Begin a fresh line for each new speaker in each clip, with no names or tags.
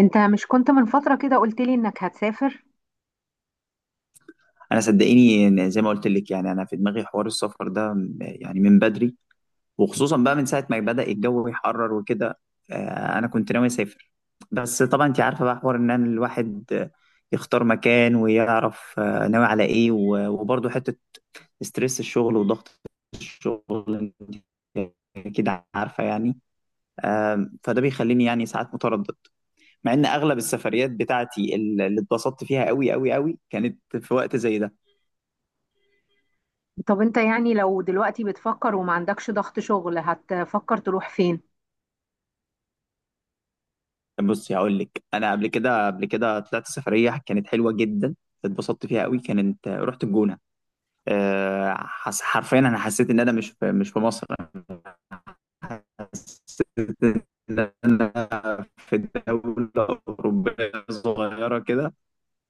انت مش كنت من فترة كده قلت لي انك هتسافر؟
انا صدقيني إن زي ما قلت لك يعني انا في دماغي حوار السفر ده يعني من بدري، وخصوصا بقى من ساعه ما بدأ الجو يحرر وكده. انا كنت ناوي اسافر. بس طبعا انت عارفه بقى حوار ان أنا الواحد يختار مكان ويعرف ناوي على ايه وبرضه حته ستريس الشغل وضغط الشغل، انت كده عارفه يعني. فده بيخليني يعني ساعات متردد، مع ان اغلب السفريات بتاعتي اللي اتبسطت فيها قوي قوي قوي كانت في وقت زي ده.
طب انت يعني لو دلوقتي بتفكر وما عندكش ضغط شغل هتفكر تروح فين؟
بصي هقول لك، انا قبل كده طلعت سفريه كانت حلوه جدا، اتبسطت فيها قوي، كانت رحت الجونه. أه حس حرفيا انا حسيت ان انا مش في مصر، أنا في دوله اوروبيه صغيره كده.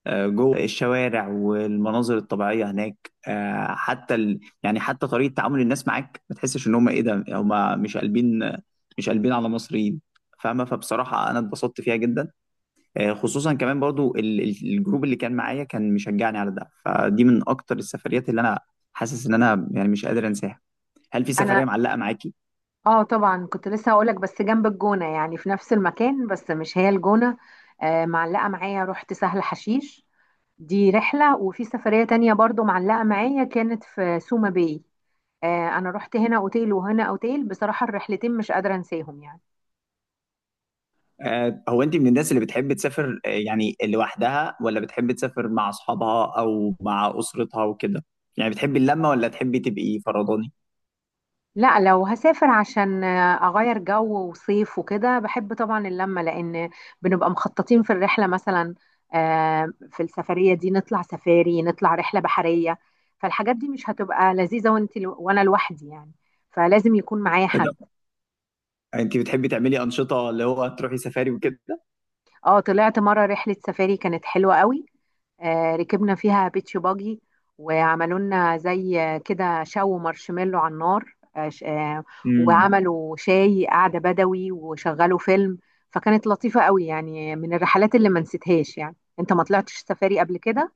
أه جوه الشوارع والمناظر الطبيعيه هناك. أه حتى يعني حتى طريقه تعامل الناس معاك ما تحسش ان هم ايه ده، هم مش قلبين على مصريين، فاهمه؟ فبصراحه انا اتبسطت فيها جدا. خصوصا كمان برضو الجروب اللي كان معايا كان مشجعني على ده، فدي من اكتر السفريات اللي انا حاسس ان انا يعني مش قادر انساها. هل في
انا.
سفرية معلقة معاكي؟
اه، طبعا كنت لسه هقولك. بس جنب الجونة يعني في نفس المكان، بس مش هي الجونة. آه، معلقة معايا. رحت سهل حشيش. دي رحلة، وفي سفرية تانية برضو معلقة معايا كانت في سوما باي. آه، انا رحت هنا اوتيل وهنا اوتيل. بصراحة الرحلتين مش قادرة انساهم يعني.
هو انت من الناس اللي بتحب تسافر يعني لوحدها، ولا بتحب تسافر مع اصحابها او مع اسرتها وكده؟ يعني بتحبي اللمة ولا تحبي تبقي فرداني؟
لا، لو هسافر عشان اغير جو وصيف وكده بحب طبعا اللمه، لان بنبقى مخططين في الرحله مثلا. في السفريه دي نطلع سفاري، نطلع رحله بحريه. فالحاجات دي مش هتبقى لذيذه وانت وانا لوحدي يعني. فلازم يكون معايا
إيه ده؟
حد.
انت بتحبي تعملي انشطة اللي هو تروحي سفاري وكده؟
اه، طلعت مرة رحلة سفاري كانت حلوة قوي. ركبنا فيها بيتش باجي. وعملوا لنا زي كده شو مارشميلو على النار. وعملوا شاي قعدة بدوي وشغلوا فيلم. فكانت لطيفة قوي، يعني من الرحلات اللي ما نسيتهاش يعني. انت ما طلعتش سفاري قبل كده؟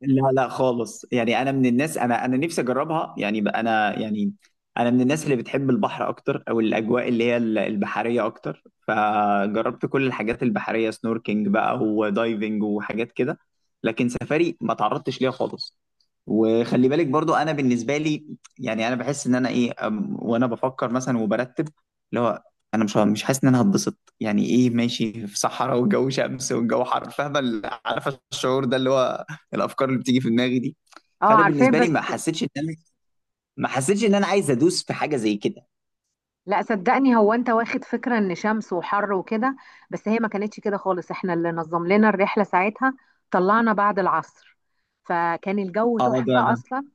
لا لا خالص، يعني انا من الناس، انا انا نفسي اجربها، يعني انا يعني انا من الناس اللي بتحب البحر اكتر، او الاجواء اللي هي البحريه اكتر، فجربت كل الحاجات البحريه، سنوركينج بقى ودايفنج وحاجات كده، لكن سفاري ما تعرضتش ليها خالص. وخلي بالك برضو انا بالنسبه لي يعني انا بحس ان انا ايه وانا بفكر مثلا وبرتب اللي هو انا مش حاسس ان انا هتبسط، يعني ايه ماشي في صحراء والجو شمس والجو حر، فاهمه عارفه الشعور ده اللي هو الافكار اللي بتيجي في دماغي دي.
اه،
فانا
عارفاه
بالنسبه لي
بس.
ما حسيتش ان انا، ما حسيتش ان انا عايز ادوس في حاجه زي كده.
لا، صدقني هو انت واخد فكرة ان شمس وحر وكده. بس هي ما كانتش كده خالص، احنا اللي نظم لنا الرحلة ساعتها. طلعنا بعد العصر، فكان الجو
اه ده
تحفة
ده
اصلا.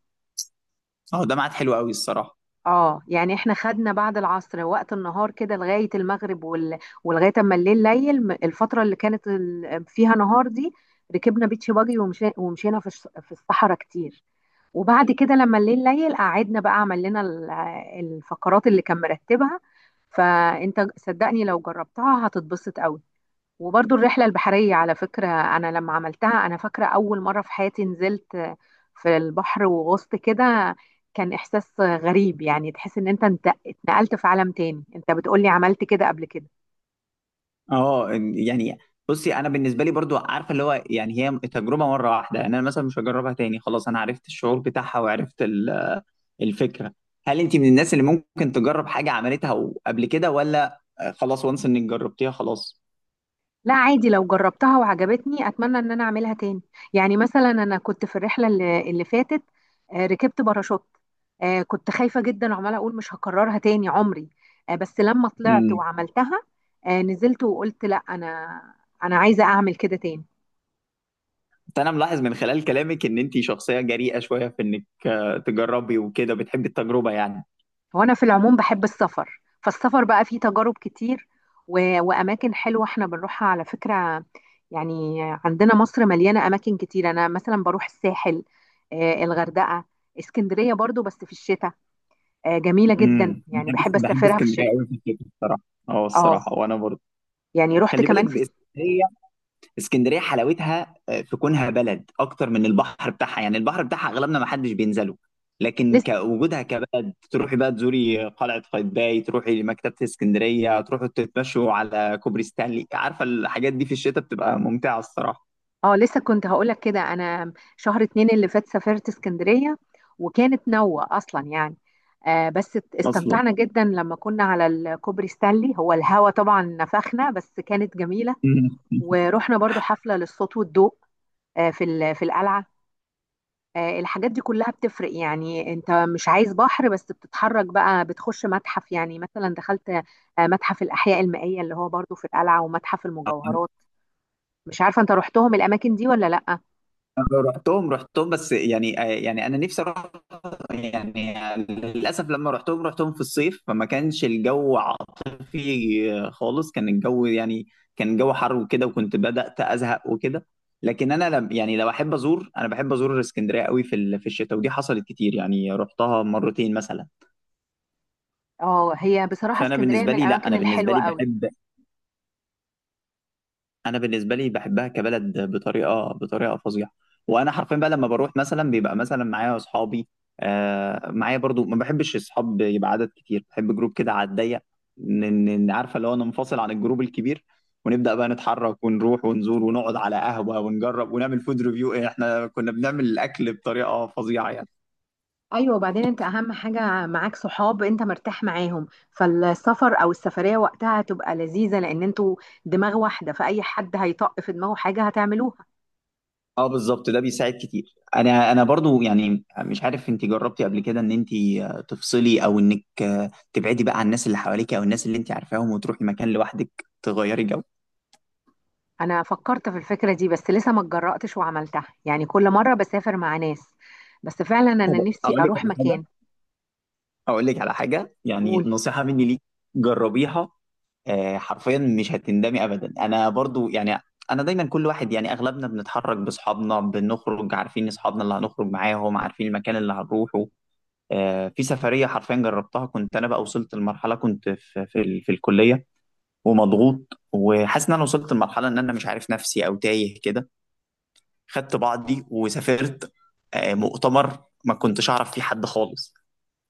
اه ده ميعاد حلو قوي الصراحه.
اه يعني احنا خدنا بعد العصر وقت النهار كده لغاية المغرب. ولغاية اما الليل، الفترة اللي كانت فيها نهار دي. ركبنا بيتش باجي، ومشينا في الصحراء كتير. وبعد كده لما الليل قعدنا بقى، عمل لنا الفقرات اللي كان مرتبها. فانت صدقني، لو جربتها هتتبسط قوي. وبرضو الرحلة البحرية على فكرة، أنا لما عملتها أنا فاكرة أول مرة في حياتي نزلت في البحر وغصت كده. كان إحساس غريب، يعني تحس إن أنت اتنقلت في عالم تاني. أنت بتقولي عملت كده قبل كده؟
يعني بصي انا بالنسبه لي برضو عارفه اللي هو، يعني هي تجربه مره واحده، يعني انا مثلا مش هجربها تاني، خلاص انا عرفت الشعور بتاعها وعرفت الفكره. هل انت من الناس اللي ممكن تجرب حاجه عملتها قبل كده، ولا خلاص وانس انك جربتيها خلاص؟
لا، عادي، لو جربتها وعجبتني اتمنى ان انا اعملها تاني. يعني مثلا انا كنت في الرحله اللي فاتت. ركبت باراشوت. كنت خايفه جدا وعماله اقول مش هكررها تاني عمري. بس لما طلعت
امم.
وعملتها، نزلت وقلت: لا، انا عايزه اعمل كده تاني.
انا ملاحظ من خلال كلامك ان انت شخصيه جريئه شويه، في انك تجربي وكده، بتحبي التجربه يعني.
هو انا في العموم بحب السفر، فالسفر بقى فيه تجارب كتير. واماكن حلوه احنا بنروحها على فكره. يعني عندنا مصر مليانه اماكن كتير. انا مثلا بروح الساحل، الغردقه، اسكندريه برضو بس في الشتاء. جميله جدا،
امم،
يعني
بحب
بحب
بحب
اسافرها في
اسكندريه
الشتاء.
قوي في الشتاء الصراحه. اه
اه
الصراحه وانا برضه.
يعني رحت
خلي بالك
كمان في.
باسكندريه، اسكندريه حلاوتها في كونها بلد اكتر من البحر بتاعها، يعني البحر بتاعها اغلبنا ما حدش بينزله، لكن
لسه.
كوجودها كبلد تروحي بقى تزوري قلعه قايتباي، تروحي مكتبه اسكندريه، تروحوا تتمشوا على كوبري ستانلي، عارفه الحاجات دي في الشتاء بتبقى ممتعه الصراحه.
اه، لسه كنت هقولك كده. انا شهر اتنين اللي فات سافرت اسكندرية، وكانت نوة اصلا يعني. آه بس
اصلا.
استمتعنا جدا. لما كنا على الكوبري ستانلي هو الهوا طبعا نفخنا بس كانت جميلة. ورحنا برضو حفلة للصوت والضوء، في القلعة. الحاجات دي كلها بتفرق. يعني انت مش عايز بحر بس، بتتحرك بقى، بتخش متحف. يعني مثلا دخلت متحف الأحياء المائية، اللي هو برضو في القلعة، ومتحف المجوهرات. مش عارفة انت رحتهم الأماكن دي ولا لا؟
أمم. رحتهم، بس يعني يعني انا نفسي اروح يعني. للأسف لما رحتهم، رحتهم في الصيف فما كانش الجو عاطفي خالص، كان الجو يعني كان الجو حر وكده، وكنت بدأت أزهق وكده. لكن أنا لم يعني، لو أحب أزور، أنا بحب أزور اسكندرية قوي في في الشتاء، ودي حصلت كتير، يعني رحتها مرتين مثلا.
اه، هي بصراحة
فأنا
اسكندرية
بالنسبة
من
لي، لا
الأماكن
أنا بالنسبة
الحلوة
لي
قوي.
بحب، انا بالنسبه لي بحبها كبلد بطريقه فظيعه. وانا حرفيا بقى لما بروح مثلا بيبقى مثلا معايا اصحابي، آه معايا برضو ما بحبش اصحاب يبقى عدد كتير، بحب جروب كده على الضيق، عارفه اللي هو ننفصل عن الجروب الكبير، ونبدا بقى نتحرك ونروح ونزور ونقعد على قهوه ونجرب ونعمل فود ريفيو، احنا كنا بنعمل الاكل بطريقه فظيعه يعني.
ايوه، وبعدين انت اهم حاجه معاك صحاب انت مرتاح معاهم، فالسفر او السفريه وقتها هتبقى لذيذه لان انتوا دماغ واحده، فاي حد هيطق في دماغه حاجه هتعملوها.
اه بالظبط، ده بيساعد كتير. انا برضو يعني مش عارف انت جربتي قبل كده ان انت تفصلي، او انك تبعدي بقى عن الناس اللي حواليك او الناس اللي انت عارفاهم، وتروحي مكان لوحدك، تغيري جو؟
أنا فكرت في الفكرة دي، بس لسه ما اتجرأتش وعملتها. يعني كل مرة بسافر مع ناس، بس فعلا أنا
طب
نفسي
اقول لك
أروح
على حاجه،
مكان.
اقول لك على حاجه، يعني
قول.
نصيحه مني ليك، جربيها. حرفيا مش هتندمي ابدا. انا برضو يعني انا دايما كل واحد، يعني اغلبنا بنتحرك باصحابنا، بنخرج عارفين اصحابنا اللي هنخرج معاهم، عارفين المكان اللي هنروحه. في سفرية حرفيا جربتها، كنت أنا بقى وصلت لمرحلة، كنت في الكلية ومضغوط، وحاسس إن أنا وصلت لمرحلة إن أنا مش عارف نفسي، أو تايه كده. خدت بعضي وسافرت مؤتمر، ما كنتش أعرف فيه حد خالص،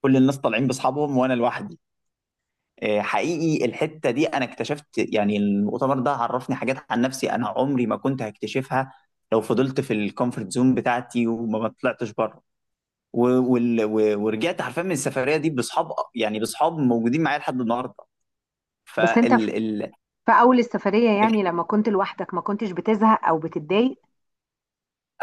كل الناس طالعين بأصحابهم وأنا لوحدي. حقيقي الحتة دي أنا اكتشفت، يعني المؤتمر ده عرفني حاجات عن نفسي أنا عمري ما كنت هكتشفها لو فضلت في الكومفورت زون بتاعتي وما ما طلعتش بره. و... ورجعت حرفيا من السفريه دي باصحاب، يعني باصحاب موجودين معايا لحد النهارده.
بس أنت في
فال ال...
في أول السفرية،
ال...
يعني لما كنت لوحدك ما كنتش بتزهق أو بتتضايق؟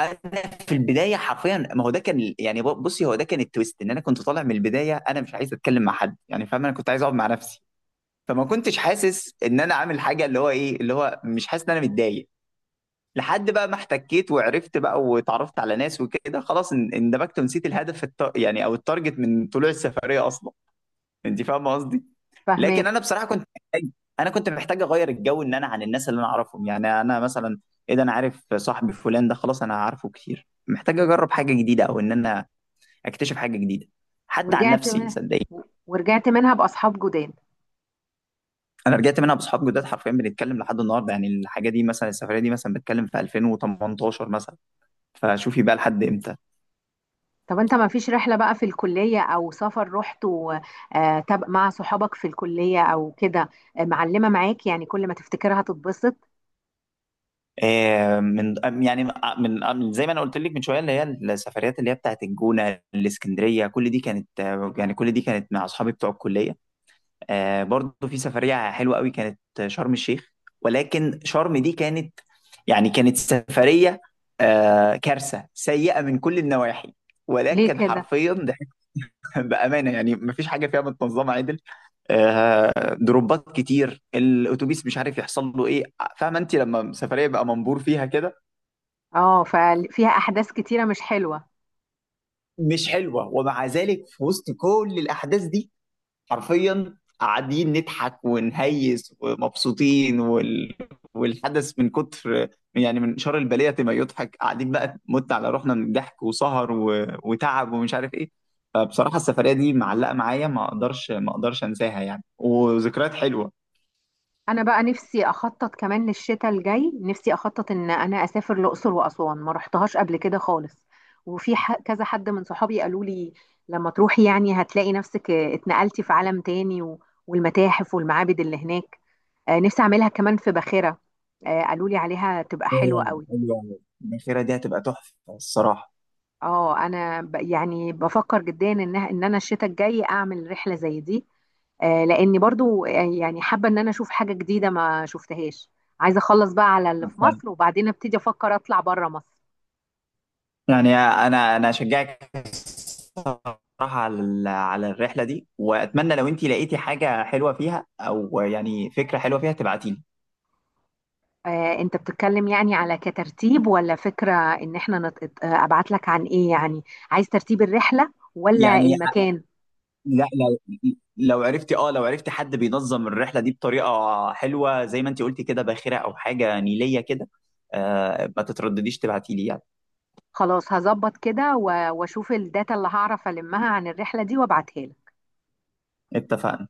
انا في البدايه حرفيا، ما هو ده كان يعني بصي هو ده كان التويست، ان انا كنت طالع من البدايه انا مش عايز اتكلم مع حد، يعني فاهم انا كنت عايز اقعد مع نفسي، فما كنتش حاسس ان انا عامل حاجه، اللي هو ايه اللي هو مش حاسس ان انا متضايق، لحد بقى ما احتكيت وعرفت بقى واتعرفت على ناس وكده، خلاص اندمجت ونسيت الهدف يعني او التارجت من طلوع السفريه اصلا. انت فاهمه قصدي؟ لكن
فهماك.
انا بصراحه كنت محتاج، انا كنت محتاج اغير الجو، ان انا عن الناس اللي انا اعرفهم، يعني انا مثلا ايه ده انا عارف صاحبي فلان ده، خلاص انا عارفه كتير، محتاج اجرب حاجه جديده، او ان انا اكتشف حاجه جديده حتى عن
ورجعت
نفسي
من
صدقني.
ورجعت منها بأصحاب جداد؟
انا رجعت منها باصحاب جداد حرفيا، بنتكلم لحد النهارده، يعني الحاجه دي مثلا، السفريه دي مثلا بتكلم في 2018 مثلا، فشوفي بقى لحد امتى.
طب انت ما فيش رحلة بقى في الكلية او سفر رحته؟ مع صحابك في الكلية او كده، معلمة معاك يعني كل ما تفتكرها تتبسط؟
آه، من يعني آه، من آه، من- زي ما انا قلت لك من شويه، اللي هي السفريات اللي هي بتاعت الجونه الاسكندريه، كل دي كانت يعني كل دي كانت مع اصحابي بتوع الكليه. برضه في سفريه حلوه قوي كانت شرم الشيخ، ولكن شرم دي كانت يعني كانت سفريه كارثه سيئه من كل النواحي،
ليه
ولكن
كده؟
حرفيا ده بامانه يعني مفيش حاجه فيها متنظمه عدل. آه، دروبات كتير، الاتوبيس مش عارف يحصل له ايه، فاهمه انت لما سفريه بقى منبور فيها كده؟
اه ففيها احداث كتيرة مش حلوة.
مش حلوه، ومع ذلك في وسط كل الاحداث دي حرفيا قاعدين نضحك ونهيس ومبسوطين والحدث من كتر، يعني من شر البليه ما يضحك، قاعدين بقى مت على روحنا من الضحك، وسهر وتعب ومش عارف ايه. فبصراحه السفريه دي معلقه معايا، ما اقدرش انساها يعني، وذكريات حلوه.
انا بقى نفسي اخطط كمان للشتاء الجاي، نفسي اخطط ان انا اسافر الاقصر واسوان، ما رحتهاش قبل كده خالص. وفي كذا حد من صحابي قالوا لي: لما تروحي يعني هتلاقي نفسك اتنقلتي في عالم تاني، والمتاحف والمعابد اللي هناك. نفسي اعملها كمان في باخرة، قالوا لي عليها تبقى حلوة
أيوة،
قوي.
حلوة أوي. الاخيره دي هتبقى تحفه الصراحه.
اه انا يعني بفكر جدا ان انا الشتاء الجاي اعمل رحلة زي دي. لاني برضو يعني حابه ان انا اشوف حاجه جديده ما شفتهاش. عايزه اخلص بقى على اللي في مصر، وبعدين ابتدي افكر اطلع بره مصر.
يعني انا اشجعك صراحة على على الرحلة دي، وأتمنى لو أنت لقيتي حاجة حلوة فيها، أو يعني فكرة حلوة فيها تبعتي لي.
انت بتتكلم يعني على كترتيب ولا فكره ان احنا. ابعت لك عن ايه يعني؟ عايز ترتيب الرحله ولا
يعني
المكان؟
لا، لو، لو عرفتي، أه لو عرفتي حد بينظم الرحلة دي بطريقة حلوة زي ما أنت قلتي كده، باخرة أو حاجة نيلية كده، آه ما تتردديش تبعتي لي يعني.
خلاص هظبط كده واشوف الداتا اللي هعرف المها عن الرحله دي وابعتها لك.
اتفقنا.